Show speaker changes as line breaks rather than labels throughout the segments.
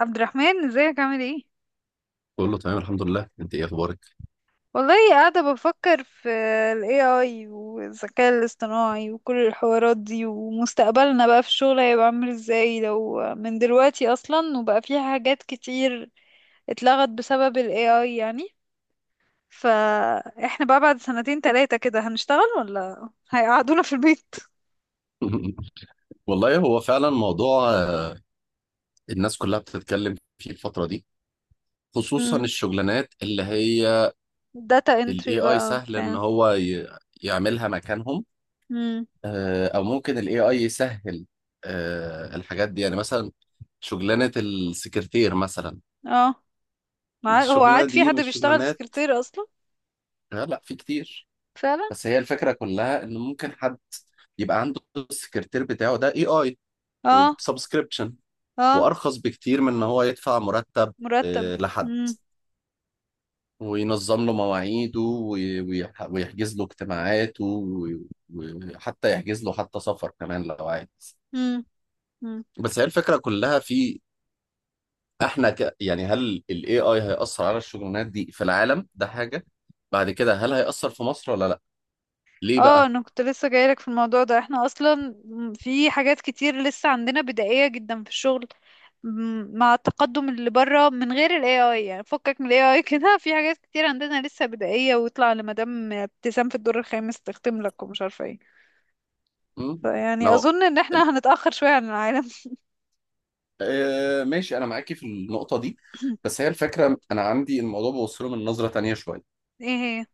عبد الرحمن، ازيك؟ عامل ايه؟
كله تمام، الحمد لله. انت ايه اخبارك؟
والله قاعدة بفكر في ال AI والذكاء الاصطناعي وكل الحوارات دي، ومستقبلنا بقى في الشغل هيبقى عامل ازاي. لو من دلوقتي اصلا وبقى في حاجات كتير اتلغت بسبب ال AI يعني. فاحنا بقى بعد سنتين تلاتة كده هنشتغل ولا هيقعدونا في البيت؟
والله هو فعلا موضوع الناس كلها بتتكلم فيه الفترة دي، خصوصا
امم
الشغلانات اللي هي
data entry
الاي اي
بقى
سهل ان
بتاع.
هو يعملها مكانهم.
امم
او ممكن الاي اي يسهل الحاجات دي، يعني مثلا شغلانة السكرتير مثلا.
اه. هو
الشغلانة
عاد في
دي
حد
مش
بيشتغل
شغلانات.
سكرتير اصلا؟
لا، في كتير.
فعلا.
بس هي الفكرة كلها ان ممكن حد يبقى عنده السكرتير بتاعه ده اي اي،
اه.
وبسبسكريبشن،
اه.
وارخص بكتير من ان هو يدفع مرتب
مرتب.
لحد،
مم.
وينظم له مواعيده ويحجز له اجتماعاته وحتى يحجز له حتى سفر كمان لو عايز.
مم. مم.
بس هي الفكرة كلها في احنا يعني هل ال AI هيأثر على الشغلانات دي في العالم ده، حاجة بعد كده هل هيأثر في مصر ولا لا؟ ليه
اه،
بقى؟
انا كنت لسه جايلك في الموضوع ده، احنا اصلا في حاجات كتير لسه عندنا بدائية جدا في الشغل. مع التقدم اللي بره من غير ال AI يعني، فكك من ال AI كده، في حاجات كتير عندنا لسه بدائية ويطلع لمدام ابتسام في الدور الخامس تختم لك ومش عارفة ايه.
مم؟ ما
فيعني
هو
اظن ان
ال...
احنا هنتأخر شوية عن العالم
آه ماشي، انا معاكي في النقطة دي. بس هي الفكرة انا عندي الموضوع بوصله من نظرة تانية شوية.
ايه. هي.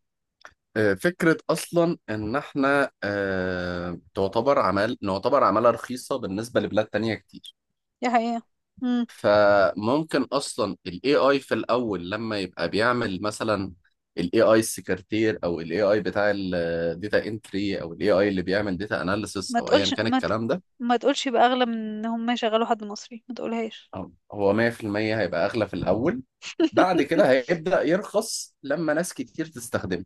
فكرة أصلا إن إحنا آه، تعتبر عمل نعتبر عمالة رخيصة بالنسبة لبلاد تانية كتير.
دي حقيقة. مم.
فممكن أصلا ال AI في الأول لما يبقى بيعمل مثلا ال AI السكرتير أو ال AI بتاع ال Data Entry أو ال AI اللي بيعمل Data Analysis
ما
أو أيا
تقولش
كان
ما ت...
الكلام ده.
ما تقولش يبقى اغلى من ان هم يشغلوا حد مصري، ما تقولهاش.
هو 100% هيبقى أغلى في الأول. بعد كده هيبدأ يرخص لما ناس كتير تستخدمه.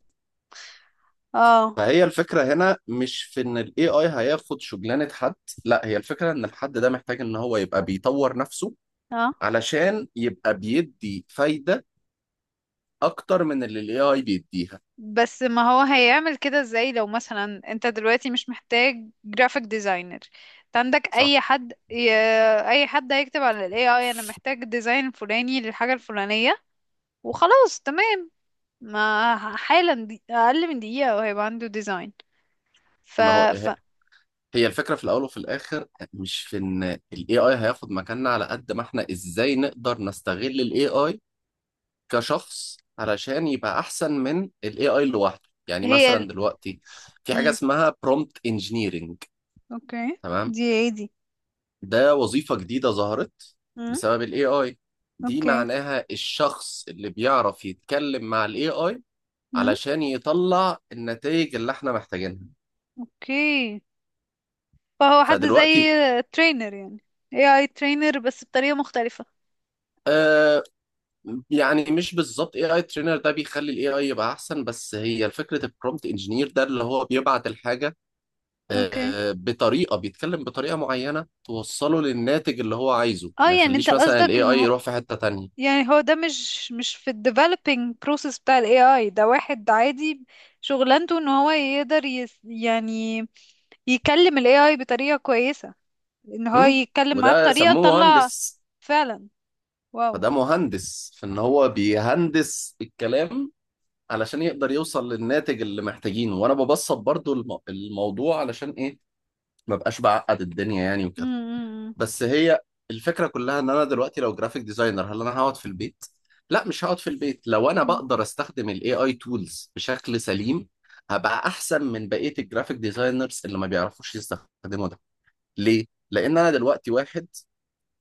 اه.
فهي الفكرة هنا مش في ان ال AI هياخد شغلانة حد، لا، هي الفكرة ان الحد ده محتاج ان هو يبقى بيطور نفسه
اه.
علشان يبقى بيدي فايدة اكتر من اللي ال AI بيديها.
بس ما هو هيعمل كده ازاي؟ لو مثلا انت دلوقتي مش محتاج جرافيك ديزاينر، انت عندك
صح.
اي حد هيكتب على الاي اي انا محتاج ديزاين فلاني للحاجة الفلانية، وخلاص تمام. ما ح- حالا دي... اقل من دقيقة وهيبقى عنده ديزاين. ف...
ما هو
ف...
ه- هي الفكرة في الاول وفي الاخر مش في ان ال AI هياخد مكاننا، على قد ما احنا ازاي نقدر نستغل ال AI كشخص علشان يبقى احسن من ال AI لوحده. يعني
هي ال...
مثلا دلوقتي في حاجة
مم.
اسمها prompt engineering.
اوكي،
تمام.
دي ايه دي؟
ده وظيفة جديدة ظهرت
مم.
بسبب ال AI. دي
اوكي.
معناها الشخص اللي بيعرف يتكلم مع ال AI
مم.
علشان يطلع النتائج اللي احنا محتاجينها.
اوكي. فهو حد زي
فدلوقتي
ترينر يعني، اي اي ترينر بس بطريقة مختلفة.
آه، يعني مش بالظبط AI trainer ده بيخلي ال AI يبقى أحسن، بس هي فكرة ال prompt engineer ده اللي هو بيبعت الحاجة
اوكي.
آه بطريقة، بيتكلم بطريقة معينة توصله للناتج اللي هو عايزه،
اه،
ما
يعني انت
يخليش مثلا
قصدك
ال
ان
AI
هو،
يروح في حتة تانية.
يعني هو ده مش في ال developing process بتاع ال AI، ده واحد عادي شغلانته ان هو يقدر يعني يكلم ال AI بطريقة كويسة، ان هو
م؟
يتكلم معاه
وده
بطريقة
سموه
تطلع.
مهندس.
فعلا. واو.
فده مهندس في ان هو بيهندس الكلام علشان يقدر يوصل للناتج اللي محتاجينه. وانا ببسط برضو الموضوع علشان ايه؟ ما بقاش بعقد الدنيا يعني وكده.
امم
بس هي الفكرة كلها ان انا دلوقتي لو جرافيك ديزاينر، هل انا هقعد في البيت؟ لا، مش هقعد في البيت لو انا
امم
بقدر استخدم الاي اي تولز بشكل سليم. هبقى احسن من بقية الجرافيك ديزاينرز اللي ما بيعرفوش يستخدموا ده. ليه؟ لان انا دلوقتي واحد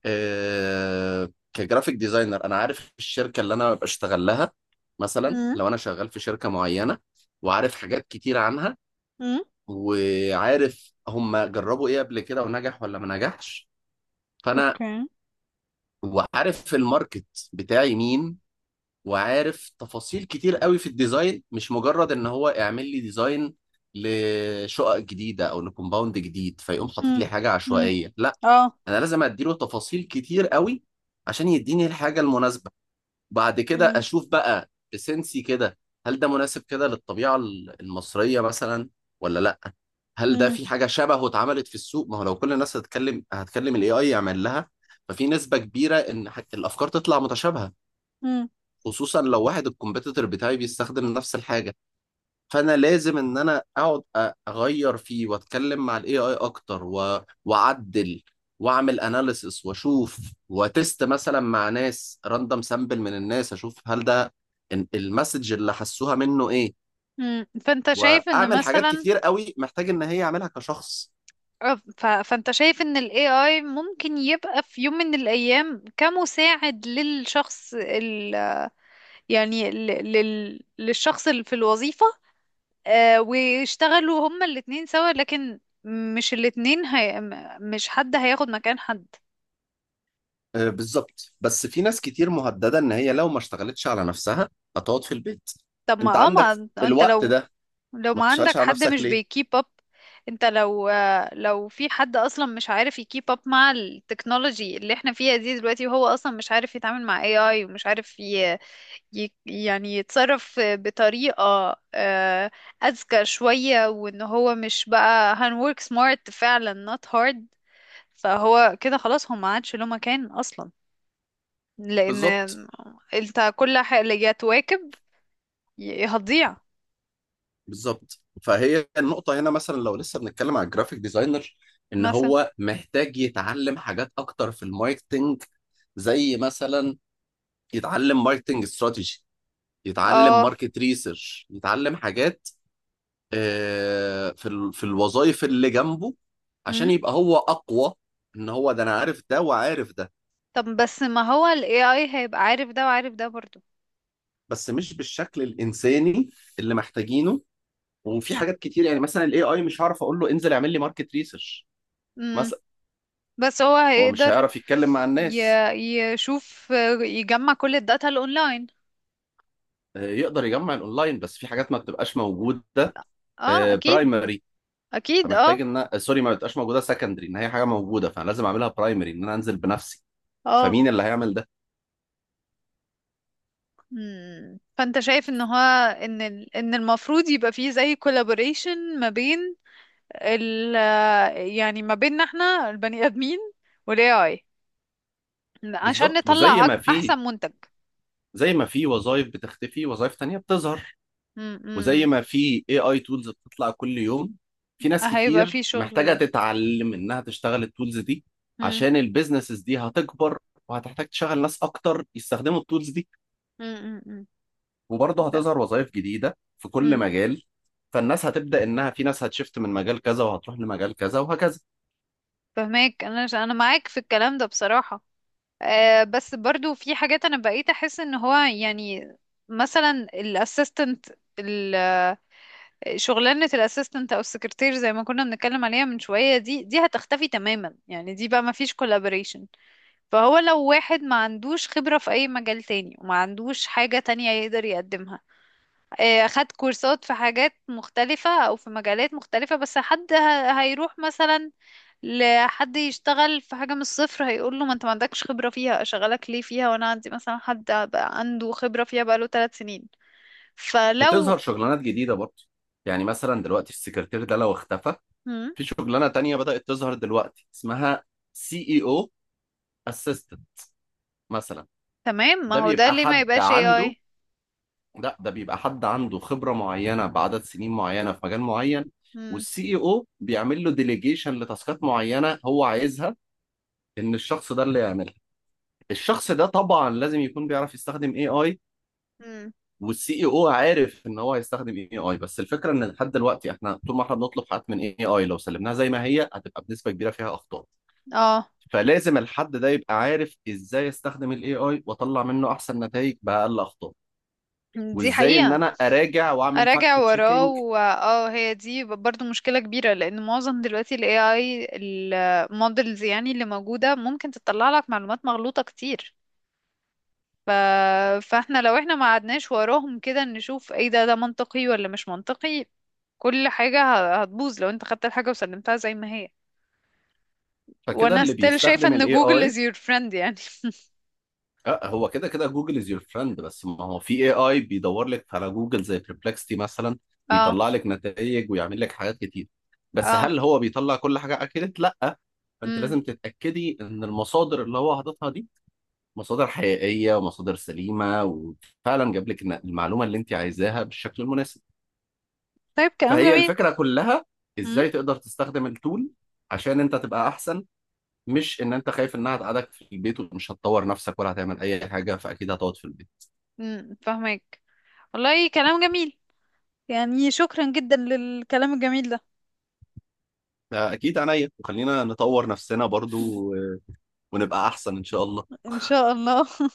آه، كجرافيك ديزاينر، انا عارف الشركه اللي انا ببقى اشتغل لها. مثلا لو انا شغال في شركه معينه وعارف حاجات كتير عنها
امم
وعارف هم جربوا ايه قبل كده ونجح ولا ما نجحش، فانا
اوكي.
وعارف الماركت بتاعي مين وعارف تفاصيل كتير قوي في الديزاين. مش مجرد ان هو اعمل لي ديزاين لشقق جديده او لكومباوند جديد فيقوم حاطط
امم
لي حاجه
امم
عشوائيه. لا.
اه.
انا لازم اديله تفاصيل كتير قوي عشان يديني الحاجه المناسبه. وبعد كده
امم
اشوف بقى بسنسي كده، هل ده مناسب كده للطبيعه المصريه مثلا ولا لا، هل ده
امم
في حاجه شبهه اتعملت في السوق. ما هو لو كل الناس هتكلم الاي اي يعمل لها، ففي نسبه كبيره ان الافكار تطلع متشابهه. خصوصا لو واحد الكومبيتيتور بتاعي بيستخدم نفس الحاجه، فانا لازم ان انا اقعد اغير فيه واتكلم مع الاي اي اكتر واعدل واعمل اناليسس واشوف وتست مثلا مع ناس راندم سامبل من الناس، اشوف هل ده المسج اللي حسوها منه ايه.
فانت شايف ان
واعمل حاجات
مثلا،
كتير قوي محتاج ان هي اعملها كشخص.
فانت شايف ان ال AI ممكن يبقى في يوم من الايام كمساعد للشخص يعني للشخص اللي في الوظيفة. ويشتغلوا هما الاتنين سوا، لكن مش الاتنين مش حد هياخد مكان حد.
بالظبط. بس في ناس كتير مهددة ان هي لو ما اشتغلتش على نفسها هتقعد في البيت.
طب ما
انت
اه
عندك
ما انت
الوقت
لو،
ده، ما
ما
تشتغلش
عندك
على
حد
نفسك
مش
ليه؟
بيكيب اب. انت لو، لو في حد اصلا مش عارف يكيب اب مع التكنولوجي اللي احنا فيها دي دلوقتي، وهو اصلا مش عارف يتعامل مع AI ومش عارف يعني يتصرف بطريقة آه، أذكى شوية، وإن هو مش بقى هن work smart فعلا not hard، فهو كده خلاص هو ما عادش له مكان أصلا. لأن
بالظبط
أنت كل حاجة اللي جت تواكب هتضيع.
بالظبط، فهي النقطة هنا مثلا لو لسه بنتكلم على الجرافيك ديزاينر ان
مثلا.
هو محتاج يتعلم حاجات اكتر في الماركتنج، زي مثلا يتعلم ماركتنج استراتيجي، يتعلم
اه.
ماركت ريسيرش، يتعلم حاجات في الوظائف اللي جنبه عشان
هم؟
يبقى هو اقوى. ان هو ده انا عارف ده وعارف ده
طب بس ما هو ال AI هيبقى عارف ده وعارف ده برضو.
بس مش بالشكل الانساني اللي محتاجينه. وفي حاجات كتير، يعني مثلا الاي اي مش هعرف اقول له انزل اعمل لي ماركت ريسيرش.
مم. بس هو
هو مش
هيقدر
هيعرف يتكلم مع الناس.
ي- يشوف، يجمع كل الداتا الأونلاين.
يقدر يجمع الاونلاين، بس في حاجات ما بتبقاش موجوده
اه أكيد.
برايمري.
أكيد
فمحتاج
اه.
ان سوري، ما بتبقاش موجوده سكندري، ان هي حاجه موجوده، فانا لازم اعملها برايمري ان انا انزل بنفسي.
اه.
فمين اللي هيعمل ده؟
مم. فانت شايف ان هو ان ان المفروض يبقى فيه زي كولابوريشن ما بين ال يعني ما بيننا احنا البني ادمين والاي اي، عشان
بالظبط. وزي
نطلع
ما في
احسن منتج.
زي ما في وظائف بتختفي وظائف تانية بتظهر،
مم.
وزي
مم.
ما في اي اي تولز بتطلع كل يوم، في ناس
هيبقى فيه
كتير
شغل
محتاجه
لي.
تتعلم انها تشتغل التولز دي.
مم.
عشان البيزنسز دي هتكبر وهتحتاج تشغل ناس اكتر يستخدموا التولز دي.
مم. مم. مم.
وبرضه
ده.
هتظهر وظائف جديدة في كل
مم.
مجال. فالناس هتبدأ إنها، في ناس هتشفت من مجال كذا وهتروح لمجال كذا وهكذا.
فهماك، انا معاك في الكلام ده بصراحة. أه، بس برضو في حاجات انا بقيت احس ان هو يعني مثلا الاسيستنت، شغلانة الاسيستنت او السكرتير زي ما كنا بنتكلم عليها من شوية، دي هتختفي تماما يعني، دي بقى ما فيش كولابوريشن. فهو لو واحد ما عندوش خبرة في اي مجال تاني وما عندوش حاجة تانية يقدر يقدمها، خد كورسات في حاجات مختلفة او في مجالات مختلفة، بس حد هيروح مثلا لحد يشتغل في حاجة من الصفر، هيقول له ما انت ما عندكش خبرة فيها، اشغلك ليه فيها وانا عندي مثلا حد بقى عنده خبرة فيها بقاله 3 سنين.
بتظهر
فلو.
شغلانات جديدة برضه. يعني مثلا دلوقتي السكرتير ده لو اختفى،
مم.
في شغلانة تانية بدأت تظهر دلوقتي اسمها سي اي او اسيستنت مثلا.
تمام، ما
ده
هو ده
بيبقى
ليه ما
حد
يبقاش
عنده
AI؟
لا، ده بيبقى حد عنده خبرة معينة بعدد سنين معينة في مجال معين.
مم.
والسي اي او بيعمل له ديليجيشن لتاسكات معينة هو عايزها، إن الشخص ده اللي يعملها. الشخص ده طبعا لازم يكون بيعرف يستخدم اي اي.
مم.
والسي اي او عارف ان هو هيستخدم اي اي. بس الفكره ان لحد دلوقتي احنا طول ما احنا بنطلب حاجات من اي اي، لو سلمناها زي ما هي هتبقى بنسبه كبيره فيها اخطاء.
اه،
فلازم الحد ده يبقى عارف ازاي استخدم الاي اي واطلع منه احسن نتائج باقل اخطاء،
دي
وازاي ان
حقيقة.
انا اراجع واعمل
اراجع
فاكت
وراه
تشيكينج.
اه، هي دي برضو مشكلة كبيرة. لان معظم دلوقتي ال AI المودلز يعني اللي موجودة ممكن تطلع لك معلومات مغلوطة كتير. ف... فاحنا لو احنا ما قعدناش وراهم كده نشوف ايه ده، ده منطقي ولا مش منطقي، كل حاجة هتبوظ لو انت خدت الحاجة وسلمتها زي ما هي.
فكده
وانا
اللي
ستيل شايفة
بيستخدم
ان
الاي
جوجل is
اي
your friend يعني.
هو كده كده جوجل از يور فريند. بس ما هو في اي اي بيدور لك على جوجل زي بربلكستي مثلا،
اه.
ويطلع لك نتائج ويعمل لك حاجات كتير. بس
اه.
هل هو بيطلع كل حاجه؟ اكيد لا. فانت
مم.
لازم تتاكدي ان المصادر اللي هو حاططها دي مصادر حقيقيه ومصادر سليمه، وفعلا جاب لك المعلومه اللي انت عايزاها بالشكل المناسب.
طيب، كلام
فهي
جميل.
الفكره كلها ازاي تقدر تستخدم التول عشان انت تبقى احسن. مش ان انت خايف انها تقعدك في البيت. ومش هتطور نفسك ولا هتعمل اي حاجه، فاكيد هتقعد في البيت.
فاهمك. والله كلام جميل. يعني شكرا جدا للكلام الجميل ده.
اكيد عينيا، وخلينا نطور نفسنا برضو و- ونبقى احسن ان شاء الله.
ان شاء الله.